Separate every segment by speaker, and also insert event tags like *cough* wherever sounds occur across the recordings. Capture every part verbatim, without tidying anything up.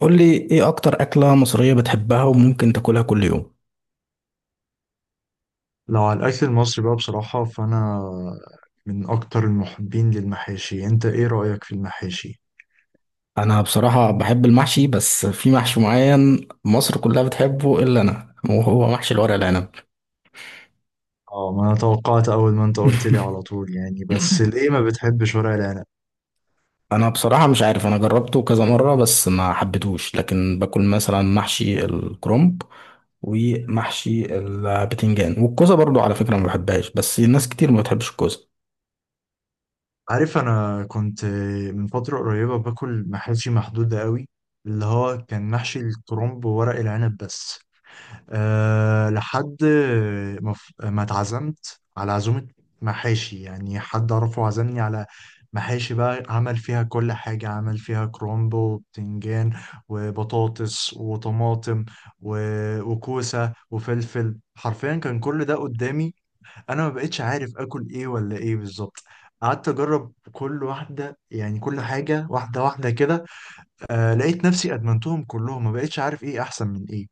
Speaker 1: قول لي ايه اكتر اكلة مصرية بتحبها وممكن تاكلها كل يوم.
Speaker 2: لو على الأكل المصري بقى بصراحة فأنا من أكتر المحبين للمحاشي. أنت إيه رأيك في المحاشي؟
Speaker 1: انا بصراحة بحب المحشي، بس في محشي معين مصر كلها بتحبه الا انا، وهو محشي الورق العنب.
Speaker 2: آه، ما أنا توقعت أول ما أنت قلت لي على طول يعني.
Speaker 1: *laughs*
Speaker 2: بس ليه ما بتحبش ورق العنب؟
Speaker 1: انا بصراحة مش عارف، انا جربته كذا مرة بس ما حبيتهوش، لكن باكل مثلا محشي الكرنب ومحشي البتنجان، والكوسة برضو على فكرة ما بحبهاش بس الناس كتير ما بتحبش الكوسة.
Speaker 2: عارف، أنا كنت من فترة قريبة باكل محاشي محدودة قوي، اللي هو كان محشي الكرنب وورق العنب بس. أه، لحد ما ف- ما اتعزمت على عزومة محاشي، يعني حد أعرفه عزمني على محاشي بقى، عمل فيها كل حاجة، عمل فيها كرومبو وبتنجان وبطاطس وطماطم و- وكوسة وفلفل. حرفيا كان كل ده قدامي، أنا ما بقتش عارف آكل إيه ولا إيه بالظبط. قعدت أجرب كل واحدة، يعني كل حاجة واحدة واحدة كده. أه، لقيت نفسي أدمنتهم كلهم، ما بقتش عارف إيه أحسن من إيه.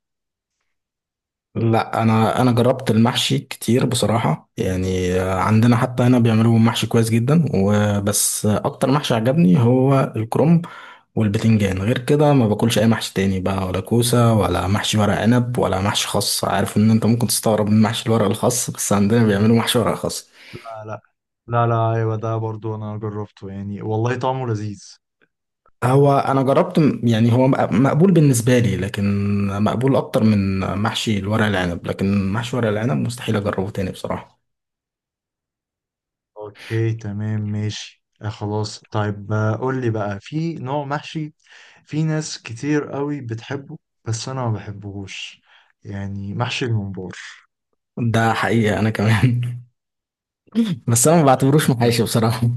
Speaker 1: لا، انا انا جربت المحشي كتير بصراحه، يعني عندنا حتى هنا بيعملوا محشي كويس جدا، وبس اكتر محشي عجبني هو الكرنب والبتنجان. غير كده ما باكلش اي محشي تاني بقى، ولا كوسه ولا محشي ورق عنب ولا محشي خاص. عارف ان انت ممكن تستغرب من محشي الورق الخاص، بس عندنا بيعملوا محشي ورق خاص.
Speaker 2: آه لا. لا لا، ايوه ده برضو انا جربته، يعني والله طعمه لذيذ.
Speaker 1: هو انا جربت م- يعني هو مق- مقبول بالنسبه لي، لكن مقبول اكتر من محشي الورق العنب، لكن محشي ورق العنب مستحيل اجربه تاني بصراحه.
Speaker 2: اوكي، تمام، ماشي، آه، خلاص، طيب، آه، قول لي بقى، في نوع محشي في ناس كتير قوي بتحبه بس انا ما بحبهوش، يعني محشي الممبار.
Speaker 1: ده حقيقه انا كمان. *laughs* بس انا ما بعتبروش
Speaker 2: *laughs*
Speaker 1: محاشي بصراحة.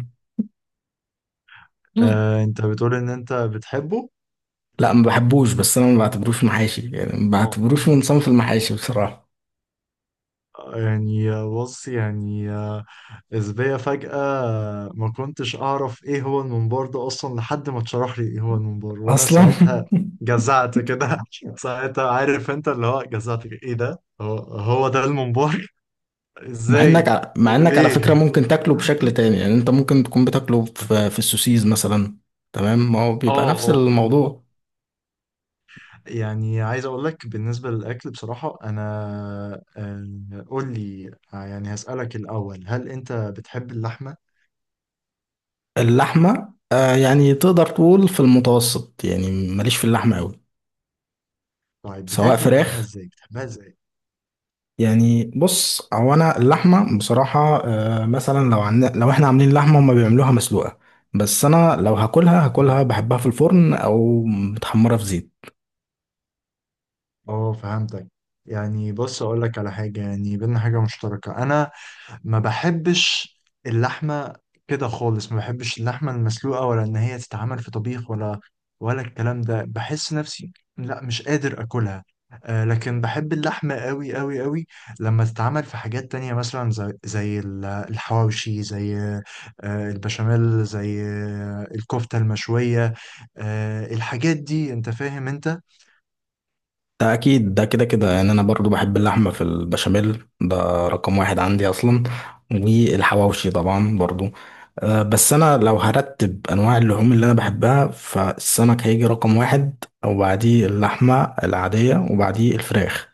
Speaker 1: *laughs*
Speaker 2: آه، انت بتقول ان انت بتحبه.
Speaker 1: لا، ما بحبوش، بس انا ما بعتبروش محاشي، يعني ما
Speaker 2: اه.
Speaker 1: بعتبروش من صنف المحاشي بصراحة
Speaker 2: يعني آه، بص، يعني آه، إزاي فجأة ما كنتش أعرف إيه هو المنبار ده أصلا، لحد ما اتشرح لي إيه هو المنبار، وأنا
Speaker 1: اصلا.
Speaker 2: ساعتها
Speaker 1: *laughs*
Speaker 2: جزعت كده. *laughs* ساعتها، عارف أنت اللي هو جزعت كده، إيه ده؟ هو هو ده المنبار؟ *laughs*
Speaker 1: مع انك
Speaker 2: إزاي؟
Speaker 1: ع- مع انك على فكرة
Speaker 2: وليه؟
Speaker 1: ممكن
Speaker 2: اه
Speaker 1: تاكله بشكل تاني، يعني انت ممكن تكون بتاكله في في السوسيز مثلا. تمام، ما هو بيبقى
Speaker 2: اه
Speaker 1: نفس
Speaker 2: آه.
Speaker 1: الموضوع.
Speaker 2: يعني عايز اقول لك بالنسبه للاكل بصراحه انا. آه، قول لي. آه، يعني هسالك الاول، هل انت بتحب اللحمه؟
Speaker 1: اللحمة آه، يعني تقدر تقول في المتوسط، يعني ماليش في اللحمة قوي.
Speaker 2: طيب
Speaker 1: سواء
Speaker 2: بتاكل اللحمه
Speaker 1: فراخ،
Speaker 2: ازاي؟ بتحبها ازاي؟
Speaker 1: يعني بص، هو انا اللحمه بصراحه آه، مثلا لو عن... لو احنا عاملين لحمه هما بيعملوها مسلوقه، بس انا لو هاكلها هاكلها بحبها في الفرن او متحمره في زيت.
Speaker 2: اه، فهمتك. يعني بص اقول لك على حاجه، يعني بينا حاجه مشتركه. انا ما بحبش اللحمه كده خالص، ما بحبش اللحمه المسلوقه، ولا ان هي تتعمل في طبيخ ولا ولا الكلام ده، بحس نفسي لا، مش قادر اكلها. آه، لكن بحب اللحمه قوي قوي قوي لما تتعمل في حاجات تانية، مثلا زي, زي ال- الحواوشي، زي آه البشاميل، زي آه الكفته المشويه، آه الحاجات دي، انت فاهم انت.
Speaker 1: ده اكيد، ده كده كده، يعني انا برضو بحب اللحمه في البشاميل، ده رقم واحد عندي اصلا، والحواوشي طبعا برضو. آه، بس انا لو هرتب انواع اللحوم اللي انا بحبها، فالسمك هيجي رقم واحد، وبعديه اللحمه العاديه، وبعديه الفراخ.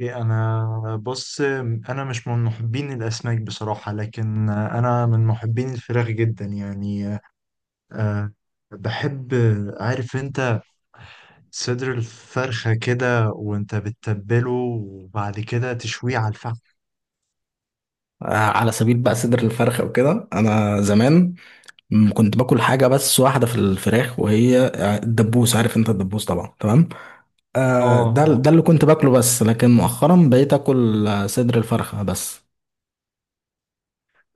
Speaker 2: إيه، انا بص، انا مش من محبين الاسماك بصراحه، لكن انا من محبين الفراخ جدا، يعني أه، بحب، عارف انت، صدر الفرخه كده، وانت بتتبله وبعد كده تشويه على الفحم.
Speaker 1: آه، على سبيل بقى صدر الفرخة وكده، أنا زمان م- كنت باكل حاجة بس واحدة في الفراخ وهي آه، الدبوس، عارف أنت الدبوس طبعا، تمام. آه،
Speaker 2: اه
Speaker 1: ده
Speaker 2: اه.
Speaker 1: ده اللي كنت باكله بس، لكن مؤخرا بقيت آكل آه، صدر الفرخة بس.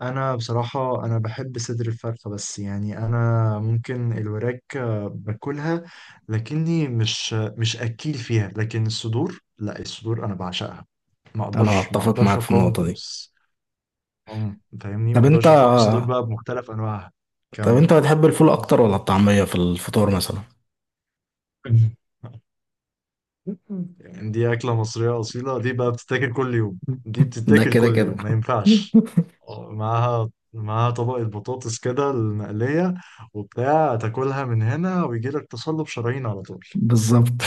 Speaker 2: انا بصراحه انا بحب صدر الفرخه، بس يعني انا ممكن الوراك آه، باكلها، لكني مش مش اكيل فيها، لكن الصدور لا، الصدور انا بعشقها، ما
Speaker 1: أنا
Speaker 2: اقدرش، ما
Speaker 1: أتفق
Speaker 2: اقدرش
Speaker 1: معاك في النقطة
Speaker 2: اقاوم.
Speaker 1: دي.
Speaker 2: هم، فاهمني، ما
Speaker 1: طب أنت،
Speaker 2: اقدرش اقاوم الصدور بقى بمختلف انواعها.
Speaker 1: طب أنت
Speaker 2: كمل.
Speaker 1: بتحب الفول أكتر ولا الطعمية في الفطور مثلا؟
Speaker 2: *laughs* يعني دي اكله مصريه اصيله، دي بقى بتتاكل كل يوم، دي
Speaker 1: ده
Speaker 2: بتتاكل
Speaker 1: كده
Speaker 2: كل
Speaker 1: كده.
Speaker 2: يوم، ما
Speaker 1: *laughs*
Speaker 2: ينفعش. آه، معاها، معاها طبقه بطاطس كده المقليه وبتاع، تاكلها من هنا ويجي لك تصلب شرايين على طول.
Speaker 1: بالظبط.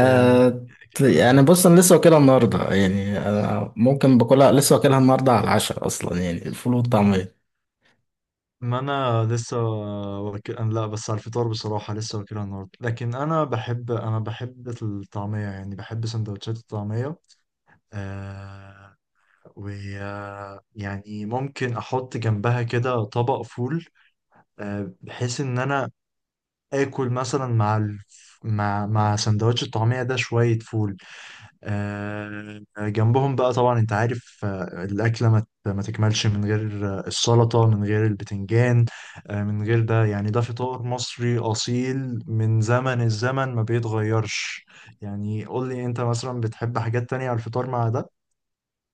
Speaker 2: يعني
Speaker 1: يعني
Speaker 2: آه،
Speaker 1: بص، انا لسه واكلها النهارده، يعني انا ممكن باكلها، لسه واكلها النهارده على العشاء اصلا، يعني الفول والطعميه.
Speaker 2: ما انا لسه واكل. أنا لا، بس على الفطار بصراحه لسه واكلها النهارده، لكن انا بحب، انا بحب الطعميه، يعني بحب سندوتشات الطعميه. آه، ويعني ممكن احط جنبها كده طبق فول، آه، بحيث ان انا اكل مثلا مع ال... مع مع سندوتش الطعمية ده شوية فول، آه جنبهم بقى. طبعا انت عارف آه، الأكلة ما ت- ما تكملش من غير آه، السلطة، من غير البتنجان، آه من غير ده، يعني ده فطار مصري أصيل من زمن الزمن، ما بيتغيرش. يعني قول لي، انت مثلا بتحب حاجات تانية على الفطار مع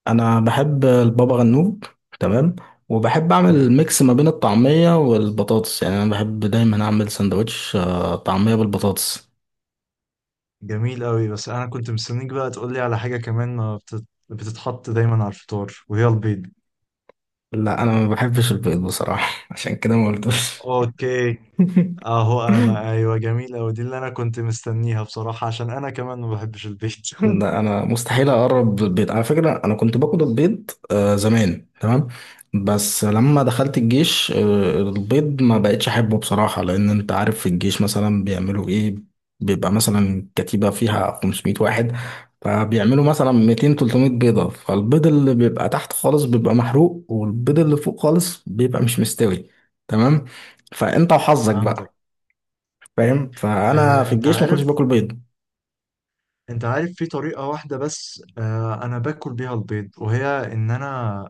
Speaker 1: انا بحب البابا غنوج، تمام، وبحب
Speaker 2: ده؟
Speaker 1: اعمل ميكس ما بين الطعميه والبطاطس، يعني انا بحب دايما اعمل سندوتش آه، طعميه بالبطاطس.
Speaker 2: جميل قوي، بس انا كنت مستنيك بقى تقول لي على حاجة كمان ما بتت... بتتحط دايما على الفطار، وهي البيض.
Speaker 1: لا، انا ما بحبش البيض بصراحه، *laughs* عشان كده ما قلتوش.
Speaker 2: اوكي. اهو، انا
Speaker 1: *laughs*
Speaker 2: ايوه، جميل قوي، دي اللي انا كنت مستنيها بصراحة، عشان انا كمان ما بحبش البيض.
Speaker 1: إن
Speaker 2: *laughs*
Speaker 1: انا مستحيل اقرب بالبيض على فكره، انا كنت باكل البيض آه زمان، تمام، بس لما دخلت الجيش آه البيض ما بقتش احبه بصراحه، لان انت عارف في الجيش مثلا بيعملوا ايه؟ بيبقى مثلا كتيبه فيها 500 واحد، فبيعملوا مثلا ميتين تلتمية بيضه، فالبيض اللي بيبقى تحت خالص بيبقى محروق، والبيض اللي فوق خالص بيبقى مش مستوي، تمام، فانت وحظك
Speaker 2: فهمتك.
Speaker 1: بقى. فاهم، فانا
Speaker 2: آه،
Speaker 1: في
Speaker 2: انت
Speaker 1: الجيش ما كنتش
Speaker 2: عارف،
Speaker 1: باكل بيض.
Speaker 2: انت عارف في طريقة واحدة بس آه، انا باكل بيها البيض، وهي ان انا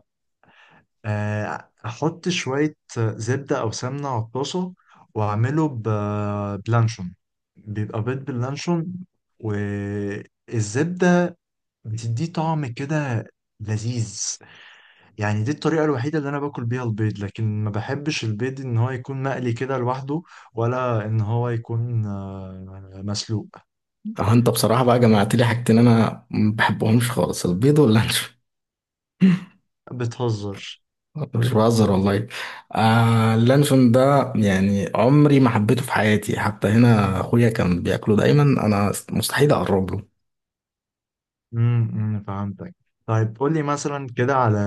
Speaker 2: آه، احط شوية زبدة او سمنة على الطاسة، واعمله ب- بلانشون، بيبقى بيض باللانشون والزبدة، بتديه طعم كده لذيذ. يعني دي الطريقة الوحيدة اللي انا باكل بيها البيض، لكن ما بحبش البيض ان هو يكون مقلي كده لوحده، ولا ان هو يكون آه، مسلوق.
Speaker 1: اه، انت بصراحة بقى جمعت لي حاجتين انا ما بحبهمش خالص، البيض واللانشون.
Speaker 2: بتهزر؟
Speaker 1: *laughs* مش بهزر والله. آه اللانشون ده يعني عمري ما حبيته في حياتي، حتى هنا اخويا كان بياكله دايما، انا مستحيل اقرب له.
Speaker 2: امم امم، فهمتك. طيب قول لي مثلا كده على،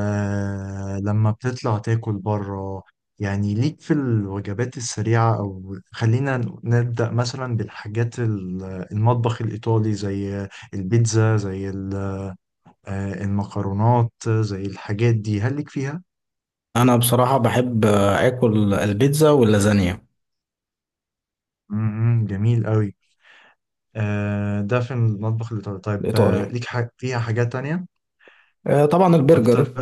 Speaker 2: لما بتطلع تاكل بره، يعني ليك في الوجبات السريعة، او خلينا نبدأ مثلا بالحاجات ال- المطبخ الإيطالي، زي البيتزا، زي ال- آه، المكرونات، زي الحاجات دي، هل ليك فيها؟
Speaker 1: انا بصراحة بحب آه، اكل البيتزا واللازانيا.
Speaker 2: امم امم، جميل قوي. آه، ده في المطبح الإيطالي، طيب آه،
Speaker 1: الايطالي
Speaker 2: ليك ح- فيها حاجات تانية
Speaker 1: آه، طبعا
Speaker 2: أكتر؟
Speaker 1: البرجر،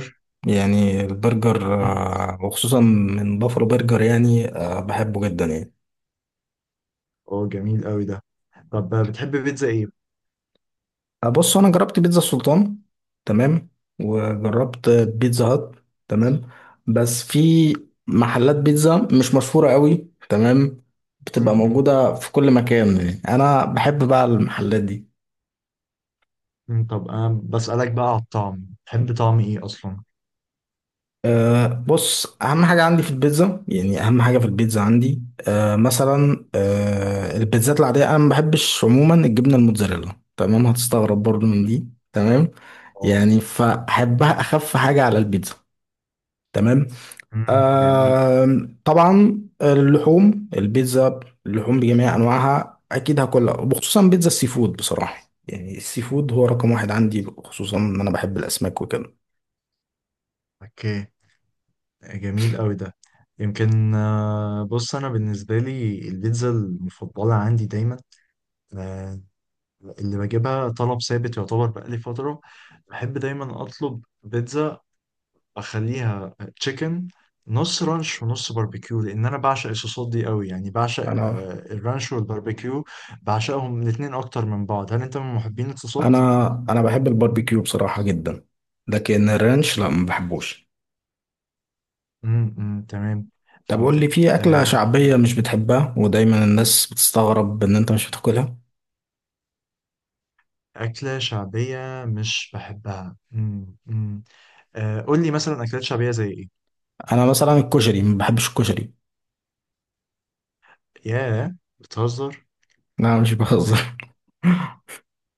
Speaker 1: يعني البرجر
Speaker 2: امم،
Speaker 1: آه، وخصوصا من بافلو برجر، يعني آه بحبه جدا يعني.
Speaker 2: أوه جميل قوي ده. طب آه، بتحب بيتزا إيه؟
Speaker 1: آه، بص انا جربت بيتزا السلطان، تمام، وجربت بيتزا هات، تمام، بس في محلات بيتزا مش مشهورة قوي، تمام،
Speaker 2: امم
Speaker 1: بتبقى
Speaker 2: امم.
Speaker 1: موجودة في كل مكان، يعني انا بحب بقى المحلات دي.
Speaker 2: مم، طب انا بسألك بقى على الطعم، تحب طعم ايه اصلا؟
Speaker 1: أه بص، اهم حاجة عندي في البيتزا، يعني اهم حاجة في البيتزا عندي، أه مثلا أه البيتزات العادية انا ما بحبش عموما الجبنة الموتزاريلا، تمام، هتستغرب برضو من دي، تمام،
Speaker 2: اه.
Speaker 1: يعني فاحبها اخف حاجة على البيتزا، تمام.
Speaker 2: امم، جميل.
Speaker 1: آم، طبعا اللحوم البيتزا، اللحوم بجميع انواعها اكيد هاكلها، وخصوصا بيتزا السي فود بصراحه، يعني السي فود هو رقم واحد عندي، خصوصا ان انا بحب الاسماك وكده.
Speaker 2: اوكي، جميل قوي ده. يمكن آه، بص انا بالنسبه لي البيتزا المفضله عندي دايما، آه، اللي بجيبها طلب ثابت يعتبر بقالي فتره، بحب دايما اطلب بيتزا اخليها تشيكن، نص رانش ونص باربيكيو، لان انا بعشق الصوصات دي قوي، يعني بعشق
Speaker 1: انا
Speaker 2: آه، الرانش والباربيكيو، بعشقهم الاتنين اكتر من بعض. هل انت من محبين الصوصات؟
Speaker 1: انا انا بحب الباربيكيو بصراحه جدا، لكن الرانش لا ما بحبوش.
Speaker 2: امم أمم، تمام،
Speaker 1: طب قول لي
Speaker 2: فهمتك
Speaker 1: في اكله
Speaker 2: آه.
Speaker 1: شعبيه مش بتحبها ودايما الناس بتستغرب ان انت مش بتاكلها؟
Speaker 2: أكلة شعبية مش بحبها؟ امم أمم. آه، قول لي مثلا أكلات شعبية زي إيه؟
Speaker 1: انا مثلا الكشري، ما بحبش الكشري.
Speaker 2: ياه، بتهزر؟
Speaker 1: لا مش بهزر.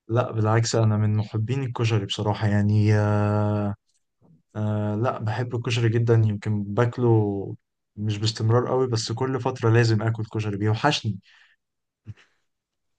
Speaker 2: لا بالعكس، أنا من محبين الكشري بصراحة، يعني آه، آه، لا بحب الكشري جدا، يمكن باكله مش باستمرار قوي، بس كل فترة لازم آكل كشري، بيوحشني.